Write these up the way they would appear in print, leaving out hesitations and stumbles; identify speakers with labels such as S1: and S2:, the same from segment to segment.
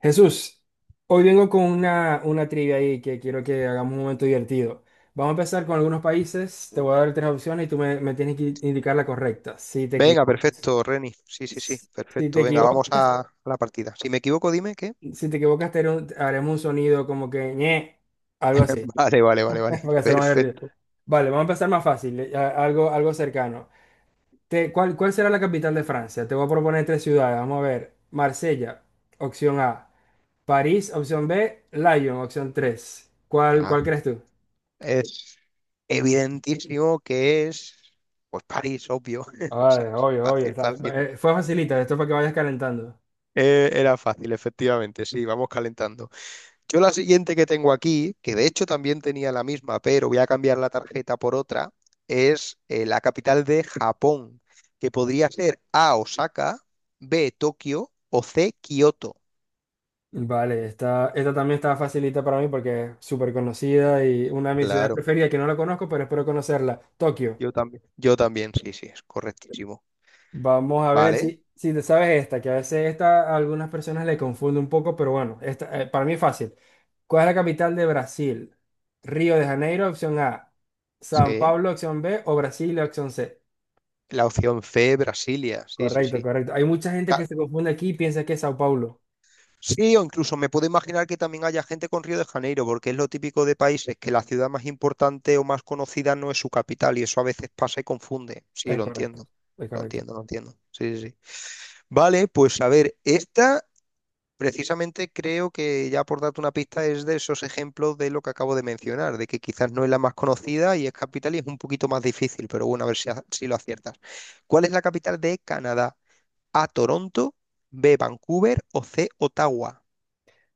S1: Jesús, hoy vengo con una trivia ahí que quiero que hagamos un momento divertido. Vamos a empezar con algunos países, te voy a dar tres opciones y tú me tienes que indicar la correcta. Si te
S2: Venga,
S1: equivocas,
S2: perfecto, Reni. Sí, sí, sí,
S1: si te
S2: perfecto. Venga,
S1: equivocas,
S2: la partida. Si me equivoco, dime qué.
S1: si te equivocas te haré haremos un sonido como que ñe, algo así,
S2: Vale, vale, vale, vale.
S1: para hacerlo más divertido.
S2: Perfecto.
S1: Vale, vamos a empezar más fácil, algo, algo cercano. ¿Cuál, cuál será la capital de Francia? Te voy a proponer tres ciudades, vamos a ver. Marsella, opción A. París, opción B, Lyon, opción 3. ¿Cuál,
S2: Ah,
S1: cuál crees tú?
S2: es evidentísimo que es, pues París, obvio.
S1: Ay,
S2: ¿Sabes?
S1: obvio, obvio.
S2: Fácil, fácil.
S1: Fue facilita, esto es para que vayas calentando.
S2: Era fácil, efectivamente. Sí, vamos calentando. Yo la siguiente que tengo aquí, que de hecho también tenía la misma, pero voy a cambiar la tarjeta por otra, es la capital de Japón, que podría ser A, Osaka, B, Tokio o C, Kioto.
S1: Vale, esta también está facilita para mí porque es súper conocida y una de mis ciudades
S2: Claro,
S1: preferidas que no la conozco, pero espero conocerla. Tokio.
S2: yo también. Yo también, sí, sí, es correctísimo.
S1: Vamos a ver
S2: Vale,
S1: si, si te sabes esta, que a veces esta a algunas personas le confunde un poco, pero bueno, esta, para mí es fácil. ¿Cuál es la capital de Brasil? Río de Janeiro, opción A. San
S2: sí.
S1: Pablo, opción B. O Brasilia, opción C.
S2: La opción C, Brasilia, sí, sí,
S1: Correcto,
S2: sí.
S1: correcto. Hay mucha gente
S2: Ca-
S1: que se confunde aquí y piensa que es Sao Paulo.
S2: Sí, o incluso me puedo imaginar que también haya gente con Río de Janeiro, porque es lo típico de países que la ciudad más importante o más conocida no es su capital y eso a veces pasa y confunde. Sí,
S1: Es
S2: lo
S1: correcto,
S2: entiendo.
S1: es
S2: Lo
S1: correcto.
S2: entiendo, lo entiendo. Sí, sí, sí. Vale, pues a ver, esta Precisamente creo que ya por darte una pista es de esos ejemplos de lo que acabo de mencionar, de que quizás no es la más conocida y es capital y es un poquito más difícil, pero bueno, a ver si, si lo aciertas. ¿Cuál es la capital de Canadá? A, Toronto, B, Vancouver o C, Ottawa.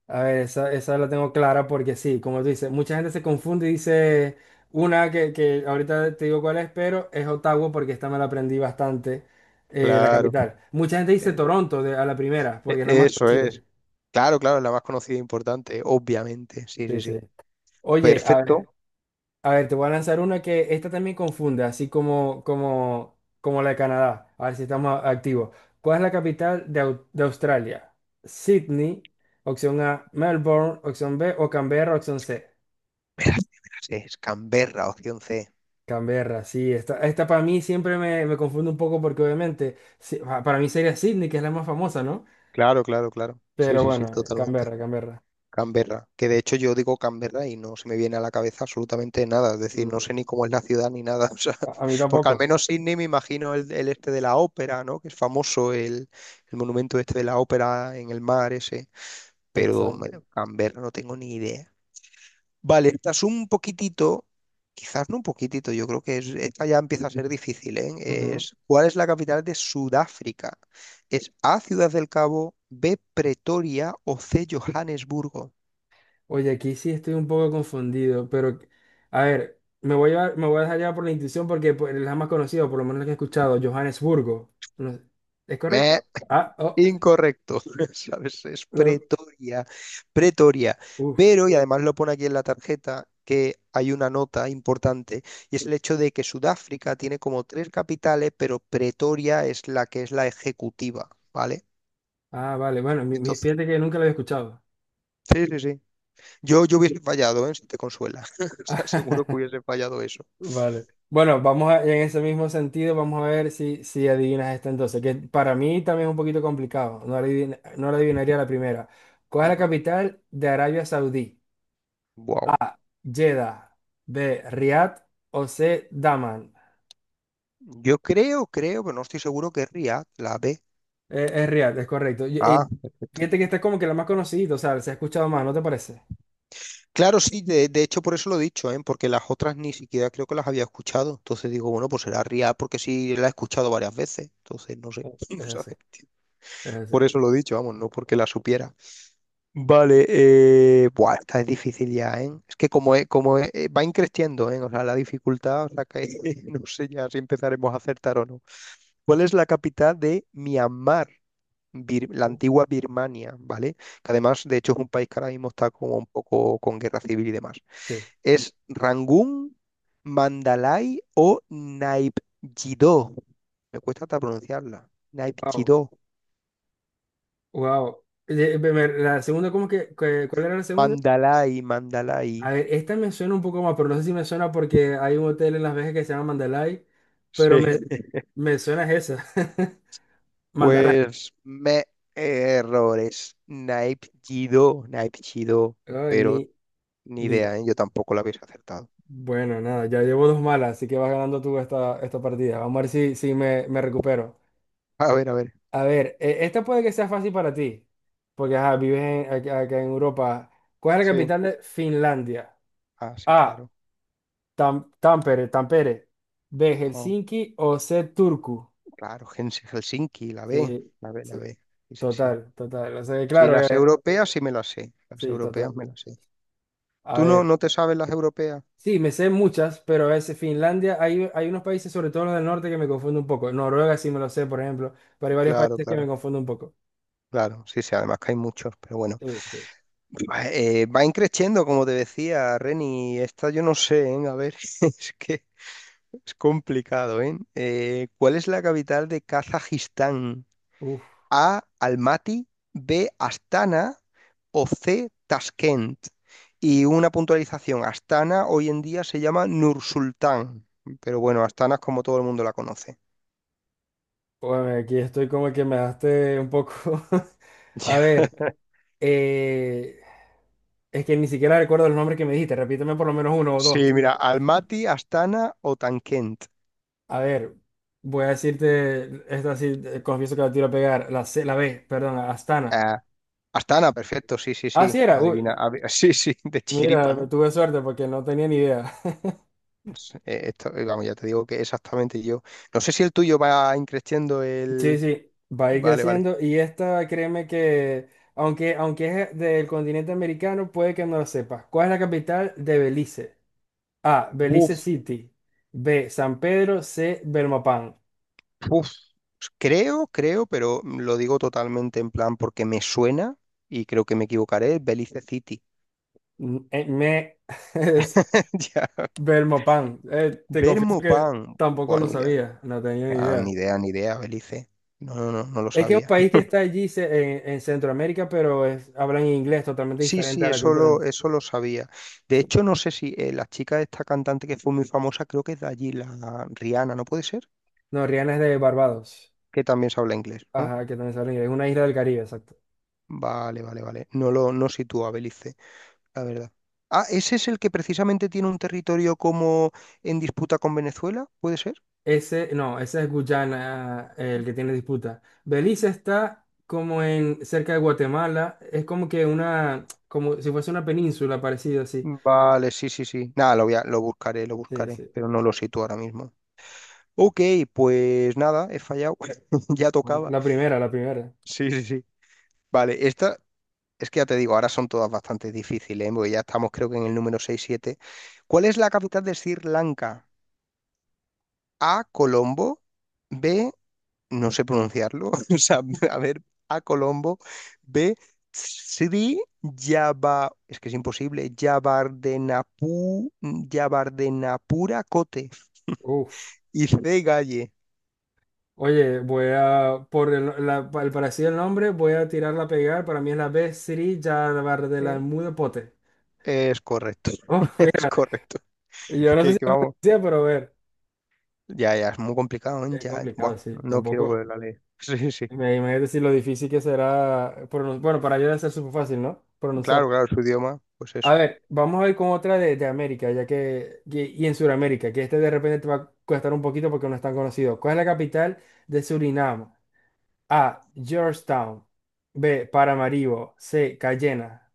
S1: A ver, esa la tengo clara porque sí, como tú dices, mucha gente se confunde y dice una que ahorita te digo cuál es, pero es Ottawa porque esta me la aprendí bastante, la
S2: Claro,
S1: capital. Mucha gente dice
S2: es-
S1: Toronto a la primera porque es la más
S2: eso
S1: conocida.
S2: es. Claro, claro, es la más conocida e importante, obviamente. Sí,
S1: Sí,
S2: sí, sí.
S1: sí. Oye, a ver.
S2: Perfecto.
S1: A ver, te voy a lanzar una que esta también confunde, así como la de Canadá. A ver si estamos activos. ¿Cuál es la capital de, de Australia? Sydney, opción A, Melbourne, opción B, o Canberra, opción C.
S2: Me la sé, me la sé. Es Canberra, opción C.
S1: Canberra, sí, esta para mí siempre me confunde un poco porque obviamente sí, para mí sería Sydney, que es la más famosa, ¿no?
S2: Claro, claro, claro. Sí,
S1: Pero
S2: sí, sí,
S1: bueno,
S2: totalmente.
S1: Canberra, Canberra.
S2: Canberra, que de hecho yo digo Canberra y no se me viene a la cabeza absolutamente nada, es decir, no
S1: Mm,
S2: sé ni cómo es la ciudad ni nada, o sea,
S1: A mí
S2: porque al
S1: tampoco.
S2: menos Sydney me imagino el este de la ópera, ¿no? Que es famoso el monumento este de la ópera en el mar ese, pero
S1: Exacto.
S2: bueno, Canberra no tengo ni idea. Vale, esta es un poquitito, quizás no un poquitito, yo creo que es, esta ya empieza a ser difícil, ¿eh? ¿Cuál es la capital de Sudáfrica? ¿Es A, Ciudad del Cabo, B, Pretoria o C, Johannesburgo?
S1: Oye, aquí sí estoy un poco confundido, pero a ver, me voy a dejar llevar por la intuición porque pues, es la más conocida, por lo menos la que he escuchado, Johannesburgo. No sé, ¿es
S2: Meh.
S1: correcto? Ah, oh,
S2: Incorrecto, ¿sabes? Es
S1: lo-
S2: Pretoria, Pretoria.
S1: uf.
S2: Pero, y además lo pone aquí en la tarjeta, que hay una nota importante, y es el hecho de que Sudáfrica tiene como tres capitales, pero Pretoria es la que es la ejecutiva, ¿vale?
S1: Ah, vale, bueno,
S2: Entonces,
S1: fíjate que nunca lo había escuchado.
S2: sí, sí, sí. Yo hubiese fallado, ¿eh? Si te consuela. O sea, seguro que hubiese fallado eso.
S1: Vale. Bueno, vamos a, en ese mismo sentido, vamos a ver si, si adivinas esta entonces, que para mí también es un poquito complicado, no la adivinaría la primera. ¿Cuál es la capital de Arabia Saudí?
S2: Wow.
S1: Jeddah, B, Riad o C, Daman.
S2: Yo creo, creo, pero no estoy seguro que es Riad, la B.
S1: Es Riad, es correcto.
S2: Ah,
S1: Y
S2: perfecto.
S1: fíjate que esta es como que la más conocida, o sea, se ha escuchado más, ¿no te parece?
S2: Claro, sí, de hecho por eso lo he dicho, ¿eh? Porque las otras ni siquiera creo que las había escuchado. Entonces digo, bueno, pues será RIA porque sí la he escuchado varias veces. Entonces no sé,
S1: Es así,
S2: ¿sabes?
S1: es así.
S2: Por eso lo he dicho, vamos, no porque la supiera. Vale, Buah, esta es difícil ya, ¿eh? Es que va increciendo, ¿eh? O sea, la dificultad, o sea, que no sé ya si empezaremos a acertar o no. ¿Cuál es la capital de Myanmar? La
S1: Uh,
S2: antigua Birmania, ¿vale? Que además, de hecho, es un país que ahora mismo está como un poco con guerra civil y demás.
S1: Sí.
S2: ¿Es Rangún, Mandalay o Naipjidó? Me cuesta hasta pronunciarla.
S1: Wow,
S2: Naipjidó.
S1: wow. La segunda, ¿cómo cuál era la segunda?
S2: Mandalay, Mandalay.
S1: A ver, esta me suena un poco más, pero no sé si me suena porque hay un hotel en Las Vegas que se llama Mandalay, pero
S2: Sí.
S1: me suena es esa. Mandalay.
S2: Pues me errores. Naipjidó, Naipjidó.
S1: Ah, ni,
S2: Pero ni
S1: ni.
S2: idea, ¿eh? Yo tampoco la habéis acertado.
S1: Bueno, nada, ya llevo dos malas, así que vas ganando tú esta, esta partida. Vamos a ver si, si me recupero.
S2: A ver, a ver.
S1: A ver, esta puede que sea fácil para ti, porque ajá, vives acá, acá en Europa. ¿Cuál es la
S2: Sí.
S1: capital de Finlandia?
S2: Ah, sí,
S1: A.
S2: claro.
S1: Tampere, Tampere. B.
S2: Oh,
S1: Helsinki o C. Turku.
S2: claro, Helsinki, la B.
S1: Sí,
S2: La B,
S1: sí,
S2: la B. Sí, sí, sí.
S1: total, total. O sea,
S2: Sí,
S1: claro
S2: las
S1: que
S2: europeas sí me las sé. Las
S1: sí, total.
S2: europeas me las sé.
S1: A
S2: ¿Tú no,
S1: ver,
S2: no te sabes las europeas?
S1: sí, me sé muchas, pero a veces Finlandia, hay unos países, sobre todo los del norte, que me confunden un poco. Noruega sí me lo sé, por ejemplo, pero hay varios
S2: Claro,
S1: países que me
S2: claro,
S1: confunden un poco.
S2: claro. Sí, sí, además que hay muchos, pero bueno.
S1: Sí, sí.
S2: Van creciendo, como te decía, Reni. Esta yo no sé, ¿eh? A ver, es que es complicado, ¿eh? ¿Cuál es la capital de Kazajistán?
S1: Uf.
S2: A, Almaty, B, Astana o C, Tashkent. Y una puntualización, Astana hoy en día se llama Nursultán, pero bueno, Astana es como todo el mundo la conoce.
S1: Bueno, aquí estoy como que me daste un poco. A ver, eh, es que ni siquiera recuerdo los nombres que me dijiste. Repíteme por lo menos uno o
S2: Sí,
S1: dos.
S2: mira, Almaty, Astana o Tankent.
S1: A ver, voy a decirte, esta sí, confieso que la tiro a pegar. La C, la B, perdón, Astana.
S2: Astana, perfecto, sí, sí,
S1: Ah,
S2: sí.
S1: sí era.
S2: Adivina,
S1: Uy,
S2: sí, sí, de chiripa,
S1: mira,
S2: ¿no?
S1: tuve suerte porque no tenía ni idea.
S2: Sí, esto, vamos, ya te digo que exactamente yo. No sé si el tuyo va increciendo
S1: Sí,
S2: el.
S1: sí, va a ir
S2: Vale, vale.
S1: creciendo y esta, créeme que, aunque, aunque es del continente americano, puede que no lo sepas. ¿Cuál es la capital de Belice? A. Belice
S2: Buf,
S1: City. B. San Pedro. C. Belmopan.
S2: buf. Creo, creo, pero lo digo totalmente en plan porque me suena y creo que me equivocaré. Belice City.
S1: Mm, me es
S2: Ya.
S1: Belmopan. Te confieso que
S2: Pan,
S1: tampoco
S2: buah,
S1: lo
S2: ni idea.
S1: sabía, no tenía ni
S2: Ah, ni
S1: idea.
S2: idea, ni idea, Belice. No, no, no, no lo
S1: Es que es un
S2: sabía.
S1: país que está allí en Centroamérica, pero hablan inglés totalmente
S2: Sí,
S1: diferente
S2: sí,
S1: a la
S2: eso
S1: cultura.
S2: lo, eso lo sabía. De
S1: Sí.
S2: hecho, no sé si la chica de esta cantante que fue muy famosa, creo que es de allí, la Rihanna, ¿no puede ser?
S1: No, Rihanna es de Barbados.
S2: Que también se habla inglés, ¿no?
S1: Ajá, que también se habla inglés. Es una isla del Caribe, exacto.
S2: Vale, vale, vale. No lo no sitúa Belice, la verdad. Ah, ¿ese es el que precisamente tiene un territorio como en disputa con Venezuela? ¿Puede ser?
S1: Ese, no, ese es Guyana, el que tiene disputa. Belice está como en cerca de Guatemala, es como que una, como si fuese una península parecida así.
S2: Vale, sí, sí, sí. Nada, lo
S1: Sí,
S2: buscaré,
S1: sí.
S2: pero no lo sitúo ahora mismo. Ok, pues nada, he fallado. Ya
S1: Bueno,
S2: tocaba.
S1: la primera, la primera.
S2: Sí, sí, sí. Vale, esta Es que ya te digo, ahora son todas bastante difíciles, ¿eh? Porque ya estamos creo que en el número seis siete. ¿Cuál es la capital de Sri Lanka? A, Colombo, B, no sé pronunciarlo, o sea, a ver, A, Colombo, B, Sri Yaba, es que es imposible, Yabardenapu, Yabardenapura cote.
S1: Uf.
S2: Y C, Galle.
S1: Oye, voy a, por el parecido del nombre, voy a tirarla a pegar. Para mí es la B3 Jarabar de la
S2: Eh,
S1: Mude Pote.
S2: Es correcto,
S1: Oh,
S2: es
S1: mira,
S2: correcto.
S1: yo no sé
S2: Que,
S1: si
S2: que
S1: la
S2: vamos,
S1: pronuncia, pero a ver.
S2: ya, ya, es muy complicado, ¿eh?
S1: Es
S2: Ya,
S1: complicado,
S2: buah,
S1: sí.
S2: no quiero
S1: Tampoco.
S2: volver a leer. Sí, sí.
S1: Me imagino decir lo difícil que será. Bueno, para yo debe ser súper fácil, ¿no? Pronunciar.
S2: Claro, claro, su idioma, pues eso.
S1: A ver, vamos a ir con otra de América, ya que y en Sudamérica, que este de repente te va a costar un poquito porque no es tan conocido. ¿Cuál es la capital de Surinam? A, Georgetown. B, Paramaribo. C, Cayena.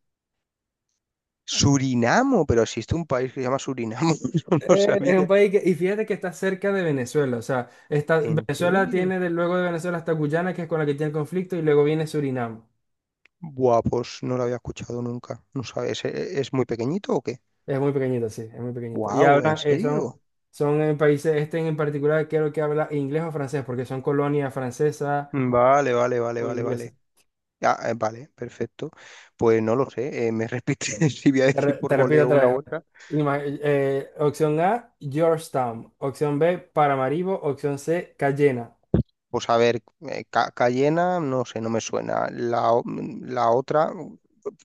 S2: Surinamo, pero existe un país que se llama Surinamo, yo no lo
S1: Es un
S2: sabía.
S1: país que, y fíjate que está cerca de Venezuela, o sea, está,
S2: ¿En
S1: Venezuela
S2: serio?
S1: tiene de, luego de Venezuela hasta Guyana, que es con la que tiene conflicto, y luego viene Surinam.
S2: Buah, pues no lo había escuchado nunca. No sabes, ¿es muy pequeñito o qué?
S1: Es muy pequeñito, sí, es muy pequeñito. Y
S2: Wow, ¿en
S1: hablan, son,
S2: serio?
S1: son en países, este en particular creo que habla inglés o francés, porque son colonias francesas
S2: Vale, vale, vale,
S1: o
S2: vale,
S1: inglesa.
S2: vale. Ah, vale, perfecto. Pues no lo sé, me repite si voy a
S1: Te,
S2: decir por
S1: te repito
S2: voleo
S1: otra
S2: una u
S1: vez.
S2: otra.
S1: Opción A, Georgetown. Opción B, Paramaribo. Opción C, Cayena.
S2: Pues a ver, Cayena, no sé, no me suena. La otra,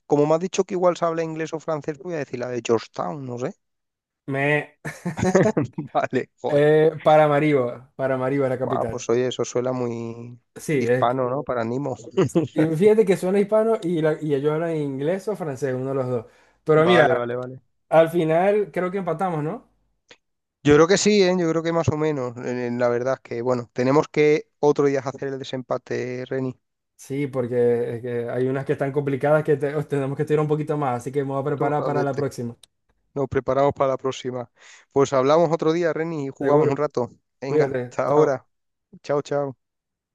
S2: como me has dicho que igual se habla inglés o francés, pues voy a decir la de Georgetown, no sé.
S1: Me...
S2: Vale, joder.
S1: Paramaribo. Paramaribo, es la
S2: Buah,
S1: capital.
S2: pues oye, eso suena muy
S1: Sí,
S2: hispano, ¿no? Para Nimo.
S1: y fíjate que suena hispano y y ellos hablan inglés o francés, uno de los dos. Pero
S2: Vale,
S1: mira,
S2: vale, vale.
S1: al final creo que empatamos, ¿no?
S2: Yo creo que sí, ¿eh? Yo creo que más o menos. La verdad es que, bueno, tenemos que otro día hacer el desempate, Reni.
S1: Sí, porque es que hay unas que están complicadas que tenemos que estudiar un poquito más, así que me voy a preparar para la
S2: Totalmente.
S1: próxima.
S2: Nos preparamos para la próxima. Pues hablamos otro día, Reni, y jugamos un
S1: Seguro.
S2: rato. Venga,
S1: Cuídate.
S2: hasta
S1: Chao.
S2: ahora. Chao, chao.